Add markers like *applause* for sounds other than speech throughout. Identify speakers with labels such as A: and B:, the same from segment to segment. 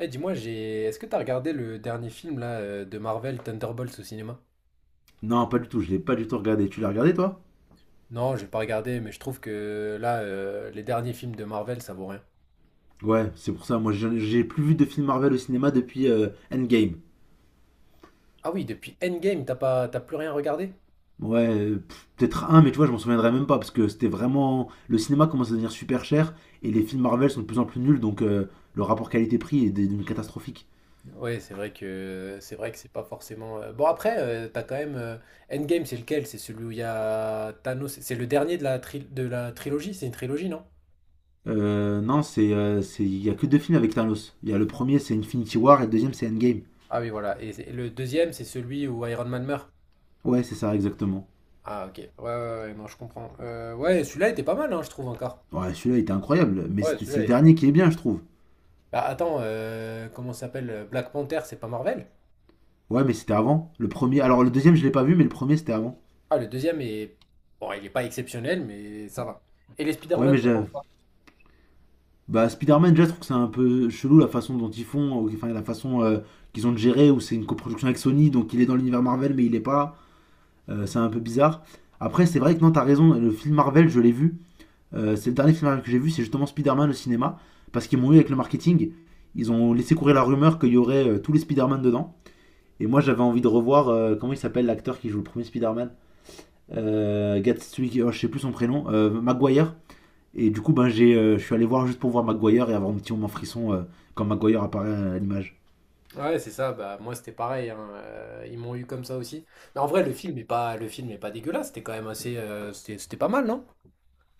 A: Eh, dis-moi, est-ce que t'as regardé le dernier film là de Marvel, Thunderbolts au cinéma?
B: Non, pas du tout, je l'ai pas du tout regardé. Tu l'as regardé toi?
A: Non, j'ai pas regardé, mais je trouve que là, les derniers films de Marvel, ça vaut rien.
B: Ouais, c'est pour ça, moi j'ai plus vu de films Marvel au cinéma depuis Endgame.
A: Ah oui, depuis Endgame, t'as plus rien regardé?
B: Ouais, peut-être un, mais tu vois, je m'en souviendrai même pas parce que c'était vraiment. Le cinéma commence à devenir super cher et les films Marvel sont de plus en plus nuls, donc le rapport qualité-prix est devenu catastrophique.
A: Ouais, c'est vrai que c'est pas forcément Bon après, t'as quand même Endgame, c'est lequel? C'est celui où il y a Thanos. C'est le dernier de la de la trilogie. C'est une trilogie, non?
B: Non, il y a que deux films avec Thanos. Il y a le premier, c'est Infinity War, et le deuxième, c'est Endgame.
A: Ah oui, voilà. Et le deuxième, c'est celui où Iron Man meurt.
B: Ouais, c'est ça, exactement.
A: Ah ok. Ouais, ouais, ouais, non, je comprends. Ouais, celui-là était pas mal, hein, je trouve encore.
B: Ouais, celui-là était incroyable, mais
A: Ouais,
B: c'est le
A: celui-là.
B: dernier qui est bien, je trouve.
A: Bah attends, comment ça s'appelle? Black Panther, c'est pas Marvel?
B: Ouais, mais c'était avant. Le premier, alors le deuxième, je l'ai pas vu, mais le premier, c'était avant.
A: Ah, le deuxième est. Bon, il est pas exceptionnel, mais ça va. Et les
B: Ouais, mais
A: Spider-Man, t'en penses quoi?
B: bah, Spider-Man, déjà, je trouve que c'est un peu chelou la façon dont ils font, enfin la façon qu'ils ont de gérer, où c'est une coproduction avec Sony, donc il est dans l'univers Marvel, mais il est pas. C'est un peu bizarre. Après, c'est vrai que non, t'as raison, le film Marvel, je l'ai vu. C'est le dernier film Marvel que j'ai vu, c'est justement Spider-Man au cinéma, parce qu'ils m'ont eu avec le marketing. Ils ont laissé courir la rumeur qu'il y aurait tous les Spider-Man dedans. Et moi, j'avais envie de revoir, comment il s'appelle l'acteur qui joue le premier Spider-Man. Gatwick, oh, je sais plus son prénom, Maguire. Et du coup, ben, je suis allé voir juste pour voir Maguire et avoir un petit moment frisson quand Maguire apparaît à l'image.
A: Ouais, c'est ça, bah moi c'était pareil, hein, ils m'ont eu comme ça aussi. Mais en vrai, le film est pas dégueulasse, c'était quand même assez C'était pas mal, non?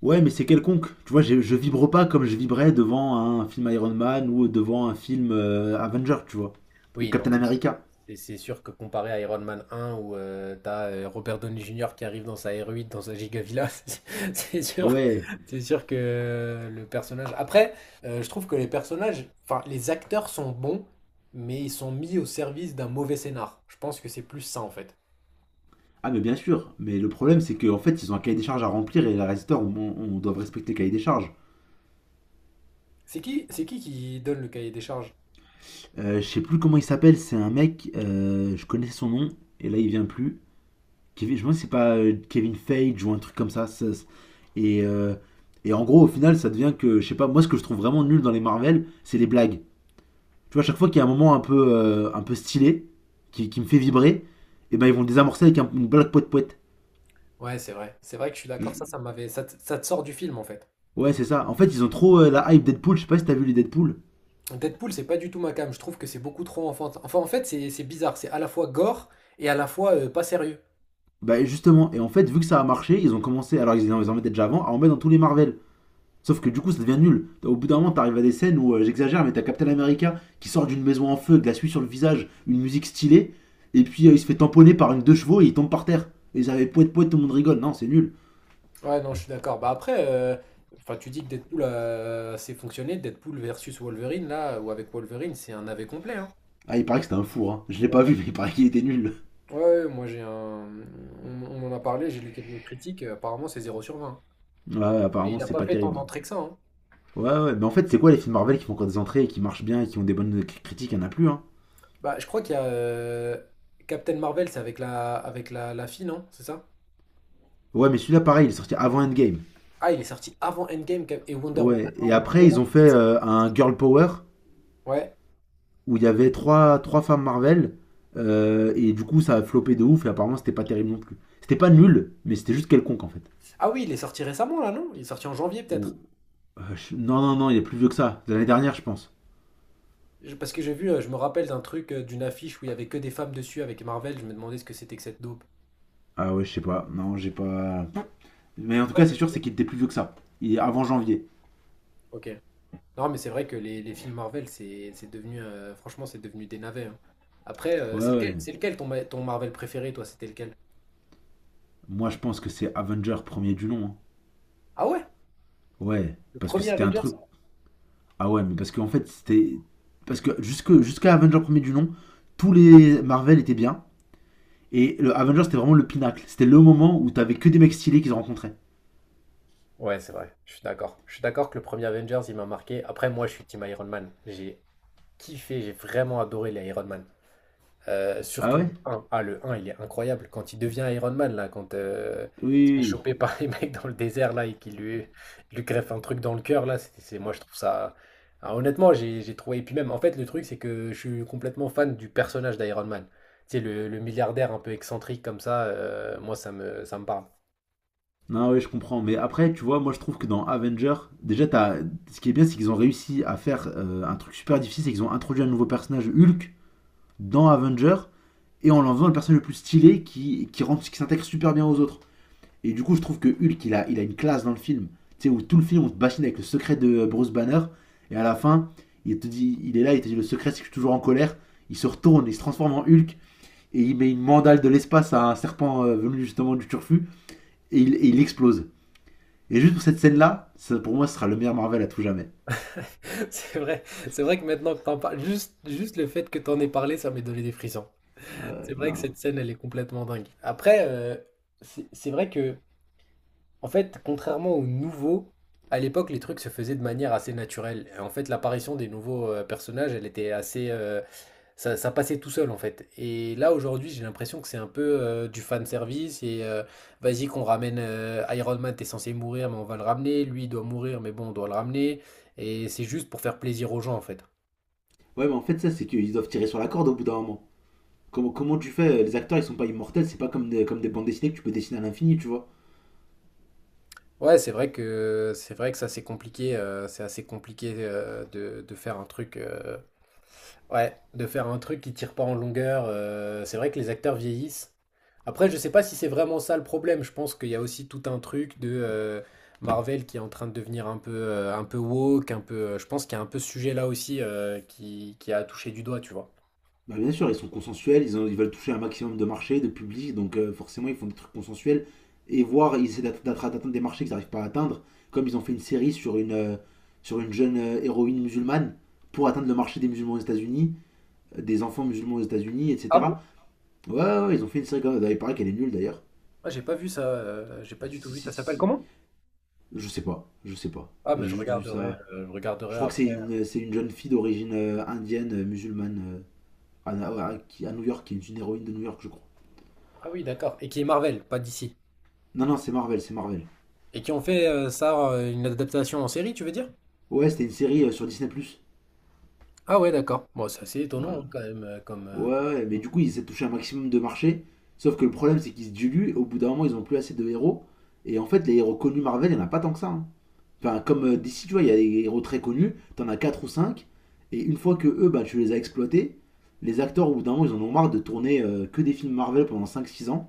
B: Ouais, mais c'est quelconque. Tu vois, je vibre pas comme je vibrais devant un film Iron Man ou devant un film Avenger, tu vois. Ou
A: Oui, non.
B: Captain
A: C'est
B: America.
A: c'est c'est sûr que comparé à Iron Man 1 où t'as Robert Downey Jr. qui arrive dans sa R8, dans sa Gigavilla, *laughs* c'est sûr,
B: Ouais.
A: c'est sûr que le personnage. Après, je trouve que les personnages, enfin les acteurs sont bons, mais ils sont mis au service d'un mauvais scénar. Je pense que c'est plus ça en fait.
B: Ah, mais bien sûr. Mais le problème, c'est qu'en fait, ils ont un cahier des charges à remplir, et les réalisateurs, on doit respecter le cahier des charges.
A: C'est qui donne le cahier des charges?
B: Je sais plus comment il s'appelle, c'est un mec, je connaissais son nom, et là, il vient plus. Kevin, je pense que c'est pas Kevin Feige ou un truc comme ça. Et, euh, En gros, au final, ça devient que, je sais pas, moi ce que je trouve vraiment nul dans les Marvel, c'est les blagues. Tu vois, à chaque fois qu'il y a un moment un peu stylé, qui me fait vibrer, et ben ils vont le désamorcer avec une blague poète-poète.
A: Ouais, c'est vrai. C'est vrai que je suis d'accord. Ça te sort du film en fait.
B: Ouais, c'est ça. En fait, ils ont trop la hype Deadpool. Je sais pas si t'as vu les Deadpool.
A: Deadpool, c'est pas du tout ma came. Je trouve que c'est beaucoup trop enfantin. Enfin, en fait, c'est bizarre. C'est à la fois gore et à la fois pas sérieux.
B: Bah, justement. Et en fait, vu que ça a marché, ils ont commencé, alors ils en mettaient déjà avant, à en mettre dans tous les Marvel. Sauf que du coup, ça devient nul. Au bout d'un moment, t'arrives à des scènes où, j'exagère, mais t'as Captain America qui sort d'une maison en feu, de la suie sur le visage, une musique stylée, et puis il se fait tamponner par une deux chevaux et il tombe par terre. Et ils avaient poète poète, tout le monde rigole. Non, c'est nul.
A: Ouais, non, je suis d'accord. Bah après, enfin, tu dis que Deadpool a assez fonctionné. Deadpool versus Wolverine, là, ou avec Wolverine, c'est un AV complet, hein.
B: Ah, il paraît que c'était un four, hein. Je l'ai pas
A: Ouais,
B: vu, mais il paraît qu'il était nul.
A: ouais, moi j'ai un. On, en a parlé, j'ai lu quelques critiques. Apparemment, c'est zéro sur 20.
B: Ouais, ouais,
A: Et il
B: apparemment,
A: n'a
B: c'est
A: pas
B: pas
A: fait tant
B: terrible.
A: d'entrées que ça, hein.
B: Ouais, ouais, mais en fait, c'est quoi les films Marvel qui font encore des entrées et qui marchent bien et qui ont des bonnes critiques? Il y en a plus, hein.
A: Bah, je crois qu'il y a Captain Marvel, c'est avec la fille, non? C'est ça?
B: Ouais, mais celui-là, pareil, il est sorti avant Endgame.
A: Ah, il est sorti avant Endgame et Wonder Woman.
B: Ouais,
A: Non,
B: et
A: Wonder
B: après,
A: Woman,
B: ils ont
A: c'est
B: fait un Girl Power
A: Ouais.
B: où il y avait trois femmes Marvel. Et du coup, ça a flopé de ouf. Et apparemment, c'était pas terrible non plus. C'était pas nul, mais c'était juste quelconque en fait.
A: Ah oui, il est sorti récemment là, non? Il est sorti en janvier
B: Ou-
A: peut-être.
B: Non, non, non, il est plus vieux que ça. De l'année dernière, je pense.
A: Parce que j'ai vu, je me rappelle d'un truc, d'une affiche où il y avait que des femmes dessus avec Marvel. Je me demandais ce que c'était que cette dope.
B: Ah ouais, je sais pas. Non, j'ai pas. Mais
A: Je
B: en tout
A: crois
B: cas, c'est sûr,
A: que-
B: c'est qu'il était plus vieux que ça. Il est avant janvier.
A: Ok. Non, mais c'est vrai que les films Marvel, c'est devenu, franchement, c'est devenu des navets, hein. Après,
B: Ouais, ouais.
A: c'est lequel ton, ton Marvel préféré, toi? C'était lequel?
B: Moi, je pense que c'est Avenger premier du nom, hein.
A: Ah ouais?
B: Ouais,
A: Le
B: parce que
A: premier
B: c'était un
A: Avengers?
B: truc. Ah ouais, mais parce qu'en fait, c'était. Parce que jusqu'à Avenger premier du nom, tous les Marvel étaient bien. Et le Avengers, c'était vraiment le pinacle. C'était le moment où t'avais que des mecs stylés qu'ils rencontraient.
A: Ouais, c'est vrai. Je suis d'accord. Je suis d'accord que le premier Avengers, il m'a marqué. Après, moi, je suis Team Iron Man. J'ai kiffé, j'ai vraiment adoré les Iron Man.
B: Ah
A: Surtout
B: ouais?
A: le un. Ah, le un il est incroyable. Quand il devient Iron Man, là, quand
B: Oui,
A: il se
B: oui,
A: fait
B: oui.
A: choper par les *laughs* mecs dans le désert, là, et lui greffe un truc dans le cœur, là, moi, je trouve ça. Ah, honnêtement, j'ai trouvé. Et puis même, en fait, le truc, c'est que je suis complètement fan du personnage d'Iron Man. Tu sais, le milliardaire un peu excentrique comme ça, moi, ça me parle.
B: Non, oui, je comprends. Mais après, tu vois, moi, je trouve que dans Avenger, déjà, ce qui est bien, c'est qu'ils ont réussi à faire un truc super difficile, c'est qu'ils ont introduit un nouveau personnage, Hulk, dans Avenger, et en l'en faisant le personnage le plus stylé qui s'intègre super bien aux autres. Et du coup, je trouve que Hulk, il a une classe dans le film. Tu sais, où tout le film, on te bassine avec le secret de Bruce Banner, et à la fin, il te dit, il est là, il te dit, le secret, c'est que je suis toujours en colère. Il se retourne, il se transforme en Hulk, et il met une mandale de l'espace à un serpent venu justement du turfu, et il explose. Et juste pour cette scène-là, ça, pour moi, ce sera le meilleur Marvel à tout jamais.
A: *laughs* C'est vrai, c'est vrai que maintenant que t'en parles, juste le fait que t'en aies parlé, ça m'est donné des frissons. C'est
B: Ouais,
A: vrai que
B: non.
A: cette scène, elle est complètement dingue. Après, c'est vrai que en fait, contrairement aux nouveaux, à l'époque, les trucs se faisaient de manière assez naturelle. Et en fait, l'apparition des nouveaux personnages, elle était assez, ça passait tout seul en fait. Et là, aujourd'hui, j'ai l'impression que c'est un peu du fan service et vas-y qu'on ramène Iron Man, t'es censé mourir, mais on va le ramener. Lui, il doit mourir, mais bon, on doit le ramener. Et c'est juste pour faire plaisir aux gens en fait.
B: Ouais, mais en fait, ça, c'est qu'ils doivent tirer sur la corde au bout d'un moment. Comment tu fais? Les acteurs, ils sont pas immortels, c'est pas comme des bandes dessinées que tu peux dessiner à l'infini, tu vois.
A: Ouais, c'est vrai que ça c'est compliqué, c'est assez compliqué de faire un truc. Ouais, de faire un truc qui tire pas en longueur. C'est vrai que les acteurs vieillissent. Après, je sais pas si c'est vraiment ça le problème. Je pense qu'il y a aussi tout un truc de Marvel qui est en train de devenir un peu woke, un peu. Je pense qu'il y a un peu ce sujet-là aussi qui a touché du doigt, tu vois.
B: Bah, bien sûr, ils sont consensuels, ils veulent toucher un maximum de marchés, de public, donc forcément, ils font des trucs consensuels. Et voir, ils essaient d'atteindre des marchés qu'ils n'arrivent pas à atteindre, comme ils ont fait une série sur une jeune héroïne musulmane pour atteindre le marché des musulmans aux États-Unis, des enfants musulmans aux États-Unis,
A: Ah bon?
B: etc. Ouais, ouais, ouais, ils ont fait une série comme ça. Il paraît qu'elle est nulle d'ailleurs.
A: Ah, j'ai pas vu ça. J'ai pas du tout
B: Si,
A: vu.
B: si,
A: Ça
B: si,
A: s'appelle
B: si.
A: comment?
B: Je sais pas, je sais pas.
A: Ah,
B: J'ai
A: mais je
B: juste vu
A: regarderai.
B: ça.
A: Je
B: Je
A: regarderai
B: crois que c'est
A: après.
B: une, c'est une jeune fille d'origine indienne, musulmane, euh, à, à- à New York, qui est une héroïne de New York, je crois.
A: Ah oui, d'accord. Et qui est Marvel, pas d'ici.
B: Non, non, c'est Marvel, c'est Marvel.
A: Et qui ont fait une adaptation en série, tu veux dire?
B: Ouais, c'était une série sur Disney plus.
A: Ah ouais, d'accord. Bon, c'est assez étonnant hein,
B: Ouais,
A: quand même
B: ouais, mais du coup, ils essaient de toucher un maximum de marché. Sauf que le problème, c'est qu'ils se diluent. Au bout d'un moment, ils ont plus assez de héros. Et en fait, les héros connus Marvel, il n'y en a pas tant que ça, hein. Enfin, comme d'ici, tu vois, il y a des héros très connus, t'en as 4 ou 5, et une fois que eux, bah, tu les as exploités, les acteurs, au bout d'un moment, ils en ont marre de tourner que des films Marvel pendant 5, 6 ans,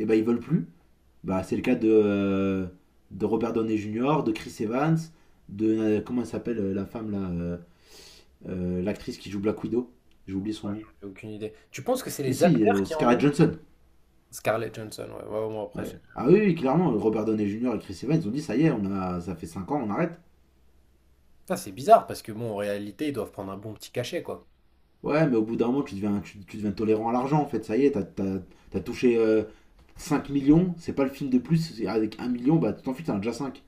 B: et bah, ils veulent plus. Bah, c'est le cas de Robert Downey Jr., de Chris Evans, de. Comment elle s'appelle, la femme, là, l'actrice qui joue Black Widow. J'ai oublié son
A: Ouais,
B: nom.
A: j'en ai aucune idée. Tu penses que c'est
B: Mais
A: les
B: si,
A: acteurs qui en ont
B: Scarlett
A: marre?
B: Johansson.
A: Scarlett Johansson, ouais, ouais, moi après,
B: Ouais.
A: c'est
B: Ah oui, oui, clairement, Robert Downey Jr. et Chris Evans, ils ont dit ça y est, ça fait 5 ans, on arrête.
A: Putain, c'est bizarre parce que bon, en réalité, ils doivent prendre un bon petit cachet, quoi.
B: Ouais, mais au bout d'un moment, tu deviens tolérant à l'argent, en fait. Ça y est, t'as touché 5 millions, c'est pas le film de plus. Avec 1 million, bah, tu t'en fiches, t'en as déjà 5.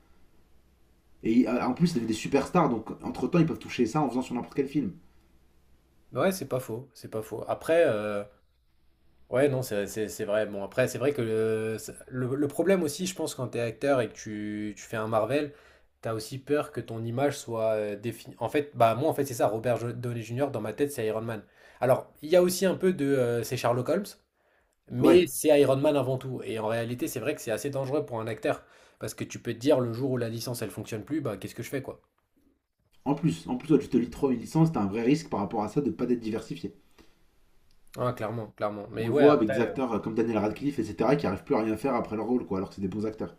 B: Et en plus, c'est des superstars, donc entre-temps, ils peuvent toucher ça en faisant sur n'importe quel film.
A: Ouais, c'est pas faux. Après, ouais, non, c'est vrai. Bon, après, c'est vrai que le problème aussi, je pense, quand t'es acteur et que tu fais un Marvel, t'as aussi peur que ton image soit définie. En fait, bah, moi, en fait, c'est ça, Downey Jr., dans ma tête, c'est Iron Man. Alors, il y a aussi un peu de. C'est Sherlock Holmes. Mais
B: Ouais,
A: c'est Iron Man avant tout. Et en réalité, c'est vrai que c'est assez dangereux pour un acteur. Parce que tu peux te dire, le jour où la licence, elle fonctionne plus, bah qu'est-ce que je fais, quoi?
B: en plus, toi, tu te lis trop une licence, t'as un vrai risque par rapport à ça de pas d'être diversifié.
A: Ah, clairement, clairement.
B: On
A: Mais
B: le
A: ouais,
B: voit avec des
A: après,
B: acteurs comme Daniel Radcliffe, etc., qui arrivent plus à rien faire après leur rôle, quoi, alors que c'est des bons acteurs.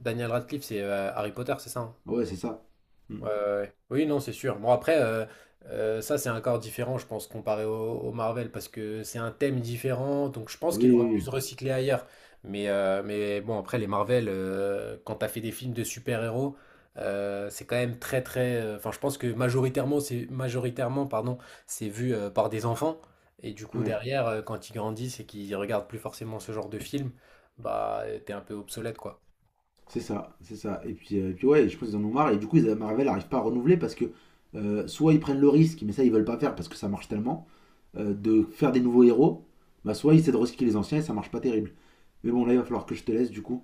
A: Daniel Radcliffe, c'est Harry Potter, c'est ça, hein?
B: Ouais, c'est ça. Mm.
A: Ouais, ouais, ouais. Oui, non, c'est sûr. Bon, après, ça, c'est encore différent, je pense, comparé au, au Marvel, parce que c'est un thème différent, donc je pense qu'il aurait pu se
B: Oui,
A: recycler ailleurs. Mais bon, après, les Marvel, quand t'as fait des films de super-héros, c'est quand même très... Enfin, je pense que majoritairement, c'est majoritairement, pardon, c'est vu par des enfants. Et du
B: oui,
A: coup,
B: oui. Ouais.
A: derrière, quand ils grandissent et qu'ils regardent plus forcément ce genre de film, bah, t'es un peu obsolète, quoi.
B: C'est ça, c'est ça. Et puis ouais, je pense qu'ils en ont marre. Et du coup, Marvel n'arrive pas à renouveler parce que soit ils prennent le risque, mais ça ils veulent pas faire parce que ça marche tellement, de faire des nouveaux héros, bah soit ils essaient de recycler les anciens et ça marche pas terrible. Mais bon, là il va falloir que je te laisse du coup.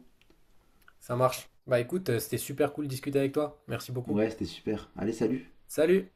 A: Ça marche. Bah écoute, c'était super cool de discuter avec toi. Merci beaucoup.
B: Ouais, c'était super. Allez, salut!
A: Salut.